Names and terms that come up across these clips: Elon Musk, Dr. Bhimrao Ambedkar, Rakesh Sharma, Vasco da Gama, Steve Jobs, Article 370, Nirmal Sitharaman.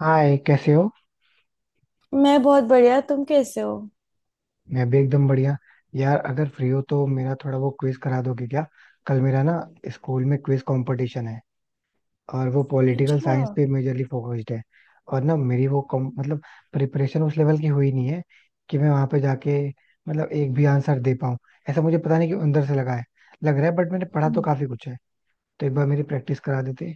हाय, कैसे हो? मैं बहुत बढ़िया। तुम कैसे हो? मैं भी एकदम बढ़िया। यार, अगर फ्री हो तो मेरा थोड़ा वो क्विज करा दोगे क्या? कल मेरा ना, स्कूल में क्विज कंपटीशन है। और वो पॉलिटिकल अच्छा। साइंस पे मेजरली फोकस्ड है। और ना मेरी वो मतलब प्रिपरेशन उस लेवल की हुई नहीं है कि मैं वहां पे जाके मतलब एक भी आंसर दे पाऊँ ऐसा मुझे पता नहीं कि अंदर से लगा है लग रहा है। बट मैंने पढ़ा तो हम्म। काफी कुछ है। तो एक बार मेरी प्रैक्टिस करा देते।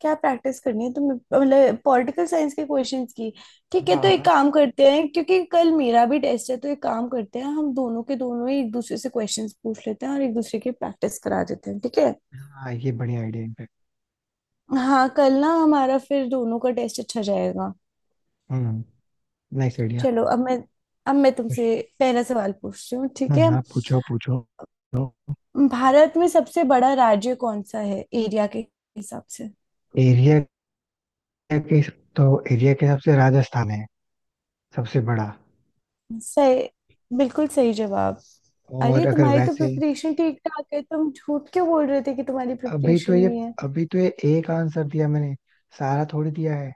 क्या प्रैक्टिस करनी है? तुम मतलब पॉलिटिकल साइंस के क्वेश्चंस की? ठीक है, हाँ, तो एक हाँ। काम करते हैं। क्योंकि कल मेरा भी टेस्ट है, तो एक काम करते हैं, हम दोनों के दोनों ही एक दूसरे से क्वेश्चंस पूछ लेते हैं और एक दूसरे की प्रैक्टिस करा देते हैं, ठीक है? हाँ, ये बढ़िया आइडिया इनफैक्ट। हाँ, कल ना हमारा फिर दोनों का टेस्ट अच्छा जाएगा। हम्म। Nice idea. चलो, अब मैं तुमसे पहला सवाल पूछती हूँ, हाँ, ठीक है? हाँ, पूछो पूछो। भारत में सबसे बड़ा राज्य कौन सा है एरिया के हिसाब से? एरिया? एरिया के? तो एरिया के हिसाब से राजस्थान है सबसे बड़ा। सही। बिल्कुल सही जवाब। और अरे, अगर तुम्हारी तो वैसे। प्रिपरेशन ठीक ठाक है, तुम झूठ क्यों बोल रहे थे कि तुम्हारी अभी तो प्रिपरेशन ये नहीं है? अभी तो ये एक आंसर दिया मैंने। सारा थोड़ी दिया है।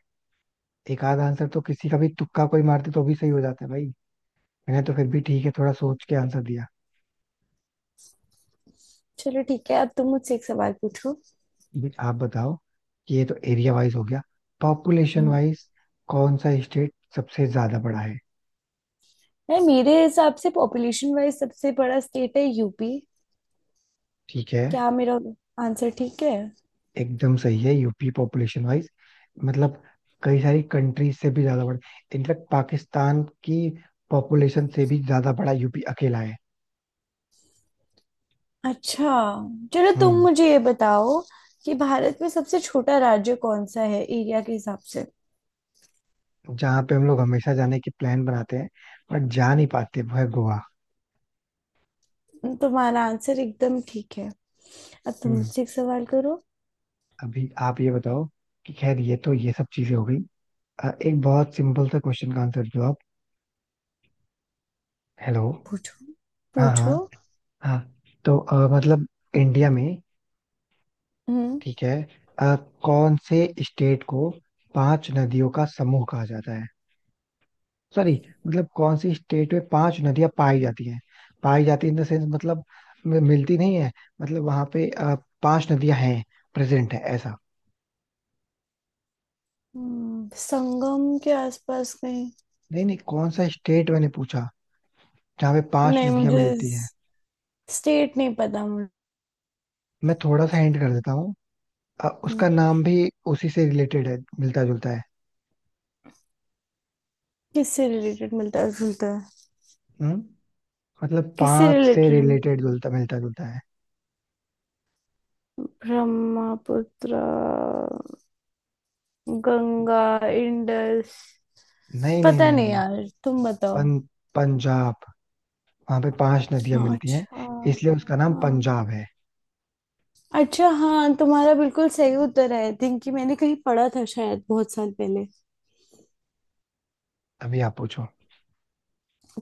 एक आध आंसर तो किसी का भी तुक्का कोई मारते तो भी सही हो जाता है भाई। मैंने तो फिर भी ठीक है थोड़ा सोच के आंसर दिया। चलो ठीक है, अब तुम मुझसे एक सवाल पूछो। अभी आप बताओ कि ये तो एरिया वाइज हो गया। पॉपुलेशन हम्म, वाइज कौन सा स्टेट सबसे ज्यादा बड़ा है? नहीं, मेरे हिसाब से पॉपुलेशन वाइज सबसे बड़ा स्टेट है यूपी। ठीक है। क्या मेरा आंसर ठीक है? एकदम सही है, यूपी पॉपुलेशन वाइज। मतलब कई सारी कंट्रीज से भी ज्यादा बड़ा। इनफैक्ट पाकिस्तान की पॉपुलेशन से भी ज्यादा बड़ा यूपी अकेला है। अच्छा, चलो तुम हम्म। मुझे ये बताओ कि भारत में सबसे छोटा राज्य कौन सा है एरिया के हिसाब से? जहाँ पे हम लोग हमेशा जाने की प्लान बनाते हैं बट जा नहीं पाते वो है गोवा। तुम्हारा आंसर एकदम ठीक है। अब तुम हम्म। मुझसे एक सवाल करो। अभी आप ये बताओ कि खैर ये तो ये सब चीजें हो गई। एक बहुत सिंपल सा क्वेश्चन का आंसर दो आप। हेलो? पूछो, हाँ, पूछो। हाँ। हाँ। तो मतलब इंडिया में। हम्म, ठीक है। अ, कौन से स्टेट को पांच नदियों का समूह कहा जाता है? सॉरी, मतलब कौन सी स्टेट में पांच नदियां पाई जाती हैं। पाई जाती है इन द सेंस मतलब मिलती नहीं है। मतलब वहां पे पांच नदियां हैं, प्रेजेंट है ऐसा। संगम के आसपास कहीं? नहीं, नहीं, कौन सा स्टेट मैंने पूछा जहाँ पे पांच नहीं, नदियां मुझे मिलती हैं? स्टेट नहीं पता मुझे। मैं थोड़ा सा हिंट कर देता हूँ। उसका नाम भी उसी से रिलेटेड है, मिलता जुलता है। किससे रिलेटेड मिलता है जुलता है? हम्म। मतलब किससे पांच से रिलेटेड? रिलेटेड, जुलता मिलता जुलता है। ब्रह्मपुत्र? गंगा? इंडस? नहीं, नहीं, पता नहीं, नहीं नहीं। यार, तुम बताओ। पं, पंजाब। वहां पे पांच नदियां मिलती हैं। अच्छा, इसलिए उसका नाम हाँ। पंजाब है। अच्छा, हाँ, तुम्हारा बिल्कुल सही उत्तर है। आई थिंक कि मैंने कहीं पढ़ा था शायद बहुत साल पहले। अभी आप पूछो।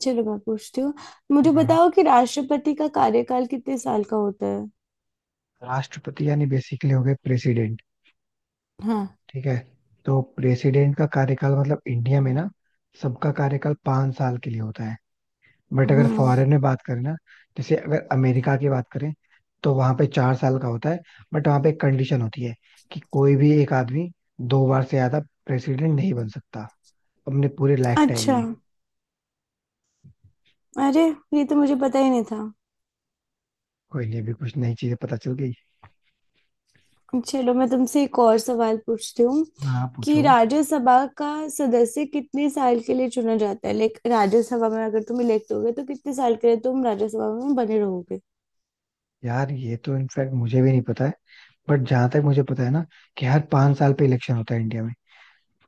चलो, मैं पूछती हूँ। मुझे हाँ। बताओ कि राष्ट्रपति का कार्यकाल कितने साल का होता है? राष्ट्रपति यानी बेसिकली हो गए प्रेसिडेंट। हाँ। ठीक है। तो प्रेसिडेंट का कार्यकाल मतलब इंडिया में ना, सबका कार्यकाल पांच साल के लिए होता है। बट अगर हम्म। फॉरेन में बात करें ना, जैसे अगर अमेरिका की बात करें तो वहां पे चार साल का होता है। बट वहां पे एक कंडीशन होती है कि कोई भी एक आदमी दो बार से ज्यादा प्रेसिडेंट नहीं बन सकता अपने पूरे लाइफ टाइम अच्छा। में। अरे, ये तो मुझे पता ही नहीं था। कोई नहीं, अभी कुछ नई चीजें पता चल गई। चलो, मैं तुमसे एक और सवाल पूछती हूँ हाँ, कि पूछो। राज्यसभा का सदस्य कितने साल के लिए चुना जाता है? लाइक राज्यसभा में अगर तुम इलेक्ट हो गए तो कितने साल के लिए तुम राज्यसभा में बने रहोगे? यार, ये तो इनफैक्ट मुझे भी नहीं पता है। बट जहां तक मुझे पता है ना, कि हर पांच साल पे इलेक्शन होता है इंडिया में,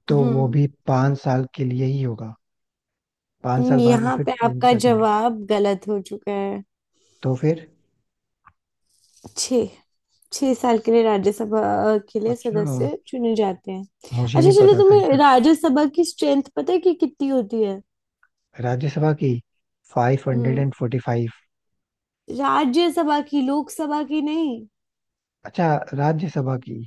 तो वो हम्म। भी पांच साल के लिए ही होगा। पांच साल बाद वो यहाँ फिर पे चेंज आपका कर देंगे। जवाब गलत हो चुका है। तो फिर। छः छह साल के लिए राज्यसभा के लिए अच्छा, सदस्य चुने जाते हैं। मुझे अच्छा, नहीं चलो पता था तुम्हें इनफैक्ट। राज्यसभा की स्ट्रेंथ पता है कि कितनी होती है? राज्यसभा की? Five hundred hmm, and forty five. Rajya Sabha की, लोकसभा की नहीं। अच्छा, राज्यसभा की।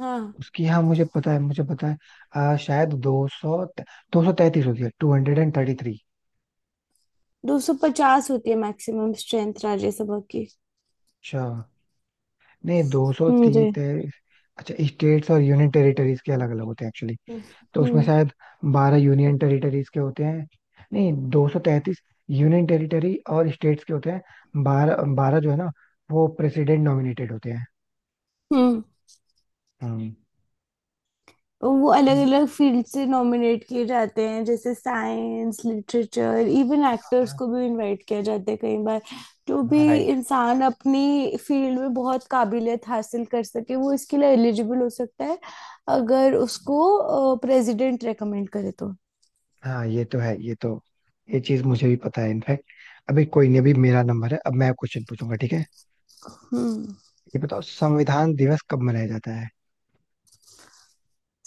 हाँ। उसकी हाँ, मुझे पता है मुझे पता है। शायद दो सौ तैतीस होती है, two hundred and thirty three. 250 होती है मैक्सिमम स्ट्रेंथ राज्यसभा की। अच्छा। नहीं, दो सौ जी। तीस। अच्छा, स्टेट्स और यूनियन टेरिटरीज के अलग अलग होते हैं एक्चुअली। तो उसमें हम्म। शायद बारह यूनियन टेरिटरीज के होते हैं। नहीं, दो सौ तैंतीस। यूनियन टेरिटरी और स्टेट्स के होते हैं बारह बारह जो है ना, वो प्रेसिडेंट नॉमिनेटेड होते हैं। हम्म। हम्म। वो अलग अलग फील्ड से नॉमिनेट किए जाते हैं, जैसे साइंस, लिटरेचर, इवन एक्टर्स हाँ, को भी इनवाइट किया जाता है कई बार। जो भी हाँ, राइट। इंसान अपनी फील्ड में बहुत काबिलियत हासिल कर सके वो इसके लिए एलिजिबल हो सकता है, अगर उसको प्रेसिडेंट रेकमेंड करे तो। हाँ, ये तो है, ये तो ये चीज मुझे भी पता है इनफैक्ट। अभी कोई नहीं, अभी मेरा नंबर है, अब मैं क्वेश्चन पूछूंगा ठीक है। हम्म। ये बताओ संविधान दिवस कब मनाया जाता है?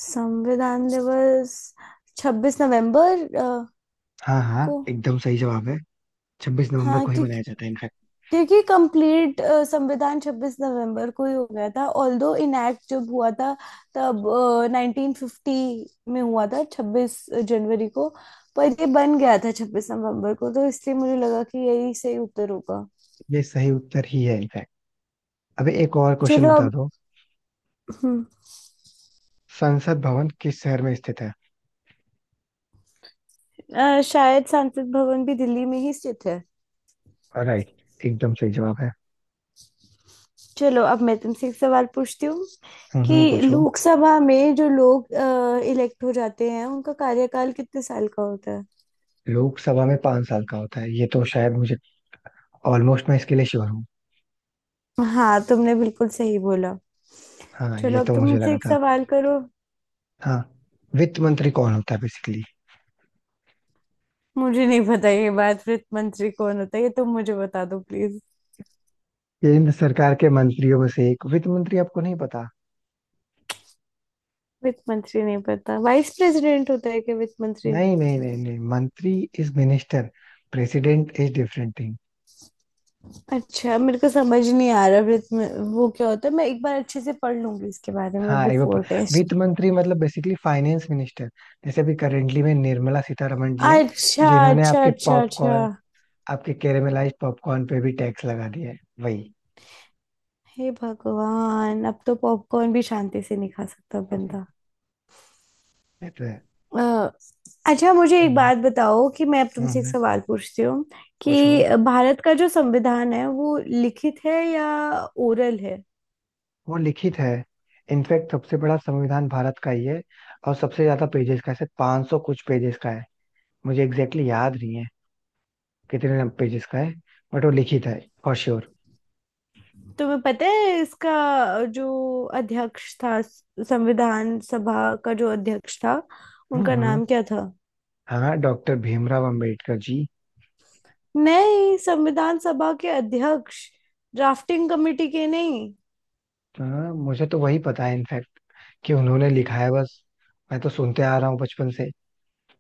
संविधान दिवस 26 नवंबर हाँ, हाँ, को। एकदम सही जवाब है। छब्बीस नवंबर हाँ, को ही क्योंकि मनाया जाता है इनफैक्ट। क्योंकि कंप्लीट संविधान 26 नवंबर को ही हो गया था। ऑल्दो इनैक्ट जब हुआ था, तब 1950 में हुआ था, 26 जनवरी को, पर ये बन गया था 26 नवंबर को, तो इसलिए मुझे लगा कि यही सही उत्तर होगा। ये सही उत्तर ही है इनफैक्ट। अभी एक और चलो क्वेश्चन बता अब। दो। हम्म, संसद भवन किस शहर में स्थित है? शायद संसद भवन भी दिल्ली में ही स्थित है। राइट, एकदम सही जवाब है। चलो, अब मैं तुमसे एक सवाल पूछती हूँ हम्म, कि पूछो। लोकसभा में जो लोग इलेक्ट हो जाते हैं उनका कार्यकाल कितने साल का होता है? लोकसभा में पांच साल का होता है, ये तो शायद मुझे ऑलमोस्ट, मैं इसके लिए श्योर हूँ। हाँ, तुमने बिल्कुल सही बोला। हाँ, चलो, ये अब तो तुम मुझे मुझसे लगा एक था। सवाल करो। हाँ। वित्त मंत्री कौन होता है बेसिकली? मुझे नहीं पता ये बात, वित्त मंत्री कौन होता है ये तुम मुझे बता दो प्लीज। केंद्र सरकार के मंत्रियों में से एक वित्त मंत्री आपको नहीं पता? वित्त मंत्री नहीं पता, वाइस प्रेसिडेंट होता है क्या वित्त मंत्री? नहीं, नहीं, नहीं, नहीं, मंत्री is minister. President is different thing. अच्छा, मेरे को समझ नहीं आ रहा वित्त में वो क्या होता है, मैं एक बार अच्छे से पढ़ लूंगी इसके बारे में हाँ, ये वो बिफोर वित्त टेस्ट। मंत्री मतलब बेसिकली फाइनेंस मिनिस्टर। जैसे अभी करेंटली में निर्मला सीतारमण जी हैं। अच्छा, जिन्होंने अच्छा, अच्छा, अच्छा। आपके कैरेमलाइज्ड पॉपकॉर्न पे भी टैक्स लगा दिया है। वही। हे भगवान, अब तो पॉपकॉर्न भी शांति से नहीं खा सकता बंदा। ये तो है। अ, अच्छा, मुझे एक हम्म, बात बताओ, कि मैं अब तुमसे एक हम्म, सवाल पूछती हूँ कि पूछो। भारत का जो संविधान है वो लिखित है या ओरल है? वो लिखित है। इनफैक्ट सबसे बड़ा संविधान भारत का ही है। और सबसे ज्यादा पेजेस का है, पांच सौ कुछ पेजेस का है। मुझे एग्जैक्टली exactly याद नहीं है कितने पेजेस का है। बट वो लिखित है फॉर श्योर। तुम्हें पता है इसका जो अध्यक्ष था, संविधान सभा का जो अध्यक्ष था उनका हम्म, नाम क्या था? हाँ, डॉक्टर भीमराव अम्बेडकर जी। नहीं, संविधान सभा के अध्यक्ष, ड्राफ्टिंग कमेटी के नहीं। हाँ, मुझे तो वही पता है इनफैक्ट कि उन्होंने लिखा है बस। मैं तो सुनते आ रहा हूँ बचपन से,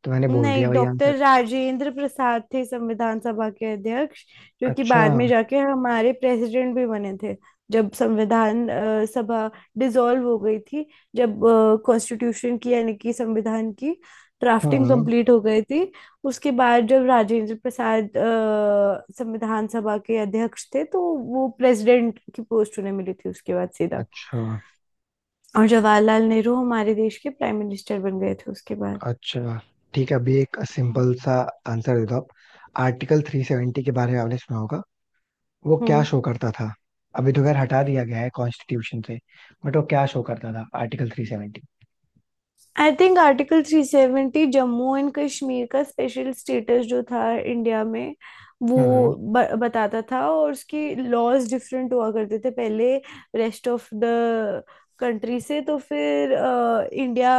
तो मैंने बोल दिया नहीं, वही आंसर। डॉक्टर राजेंद्र प्रसाद थे संविधान सभा के अध्यक्ष, जो कि अच्छा। बाद में जाके हमारे प्रेसिडेंट भी बने थे। जब संविधान सभा डिसॉल्व हो गई थी, जब कॉन्स्टिट्यूशन की यानी कि संविधान की ड्राफ्टिंग हाँ। कंप्लीट हो गई थी, उसके बाद जब राजेंद्र प्रसाद संविधान सभा के अध्यक्ष थे तो वो प्रेसिडेंट की पोस्ट उन्हें मिली थी उसके बाद सीधा। अच्छा, और जवाहरलाल नेहरू हमारे देश के प्राइम मिनिस्टर बन गए थे उसके बाद। अच्छा। ठीक है, अभी एक सिंपल सा आंसर दे दो आप। आर्टिकल 370 के बारे में आपने सुना होगा, वो क्या हम्म। शो करता था? अभी तो खैर हटा दिया गया है कॉन्स्टिट्यूशन से, बट वो क्या शो करता था article 370? I think article 370 Jammu and Kashmir का स्पेशल स्टेटस जो था इंडिया में हम्म। वो बताता था, और उसकी लॉज डिफरेंट हुआ करते थे पहले रेस्ट ऑफ द कंट्री से। तो फिर इंडिया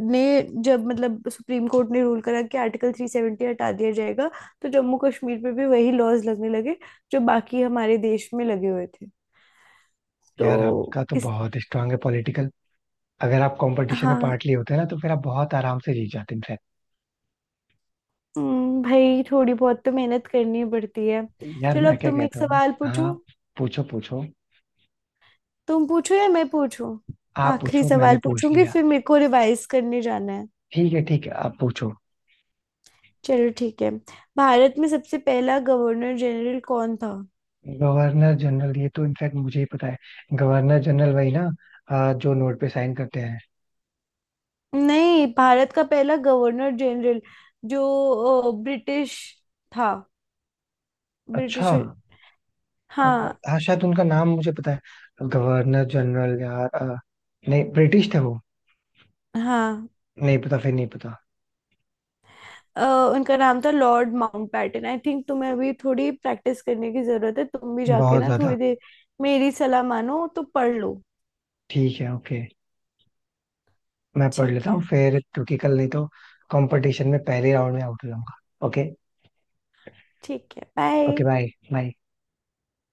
ने, जब मतलब सुप्रीम कोर्ट ने रूल करा कि आर्टिकल 370 हटा दिया जाएगा, तो जम्मू कश्मीर पे भी वही लॉज लगने लगे जो बाकी हमारे देश में लगे हुए थे यार, तो आपका तो इस बहुत स्ट्रांग है पॉलिटिकल। अगर आप कंपटीशन में पार्ट हाँ। लिए होते ना तो फिर आप बहुत आराम से जीत जाते इनफैक्ट। भाई, थोड़ी बहुत तो मेहनत करनी पड़ती है। यार, चलो, मैं अब क्या तुम एक कहता हूँ ना। सवाल हाँ, पूछो। पूछो पूछो। तुम पूछो या मैं पूछूं? आप आखिरी पूछो, मैंने सवाल पूछ पूछूंगी लिया। फिर मेरे को रिवाइज करने जाना है। ठीक है, ठीक है, आप पूछो। चलो ठीक है। भारत में सबसे पहला गवर्नर जनरल कौन था? गवर्नर जनरल, ये तो इनफैक्ट मुझे ही पता है। गवर्नर जनरल वही ना, जो नोट पे साइन करते हैं। नहीं, भारत का पहला गवर्नर जनरल जो ब्रिटिश था। अच्छा। ब्रिटिश। अ, हाँ। हाँ, शायद उनका नाम मुझे पता है। गवर्नर जनरल यार, नहीं, ब्रिटिश थे वो। हाँ। नहीं पता, फिर नहीं पता। अ, उनका नाम था लॉर्ड माउंटबेटन। आई थिंक तुम्हें अभी थोड़ी प्रैक्टिस करने की जरूरत है, तुम भी जाके बहुत ना ज्यादा। थोड़ी देर। मेरी सलाह मानो तो पढ़ लो। ठीक है, ओके। मैं पढ़ ठीक लेता है, हूँ फिर, क्योंकि कल नहीं तो कंपटीशन में पहले राउंड में आउट हो जाऊंगा। ओके। ठीक है, बाय। Okay, bye. बाय।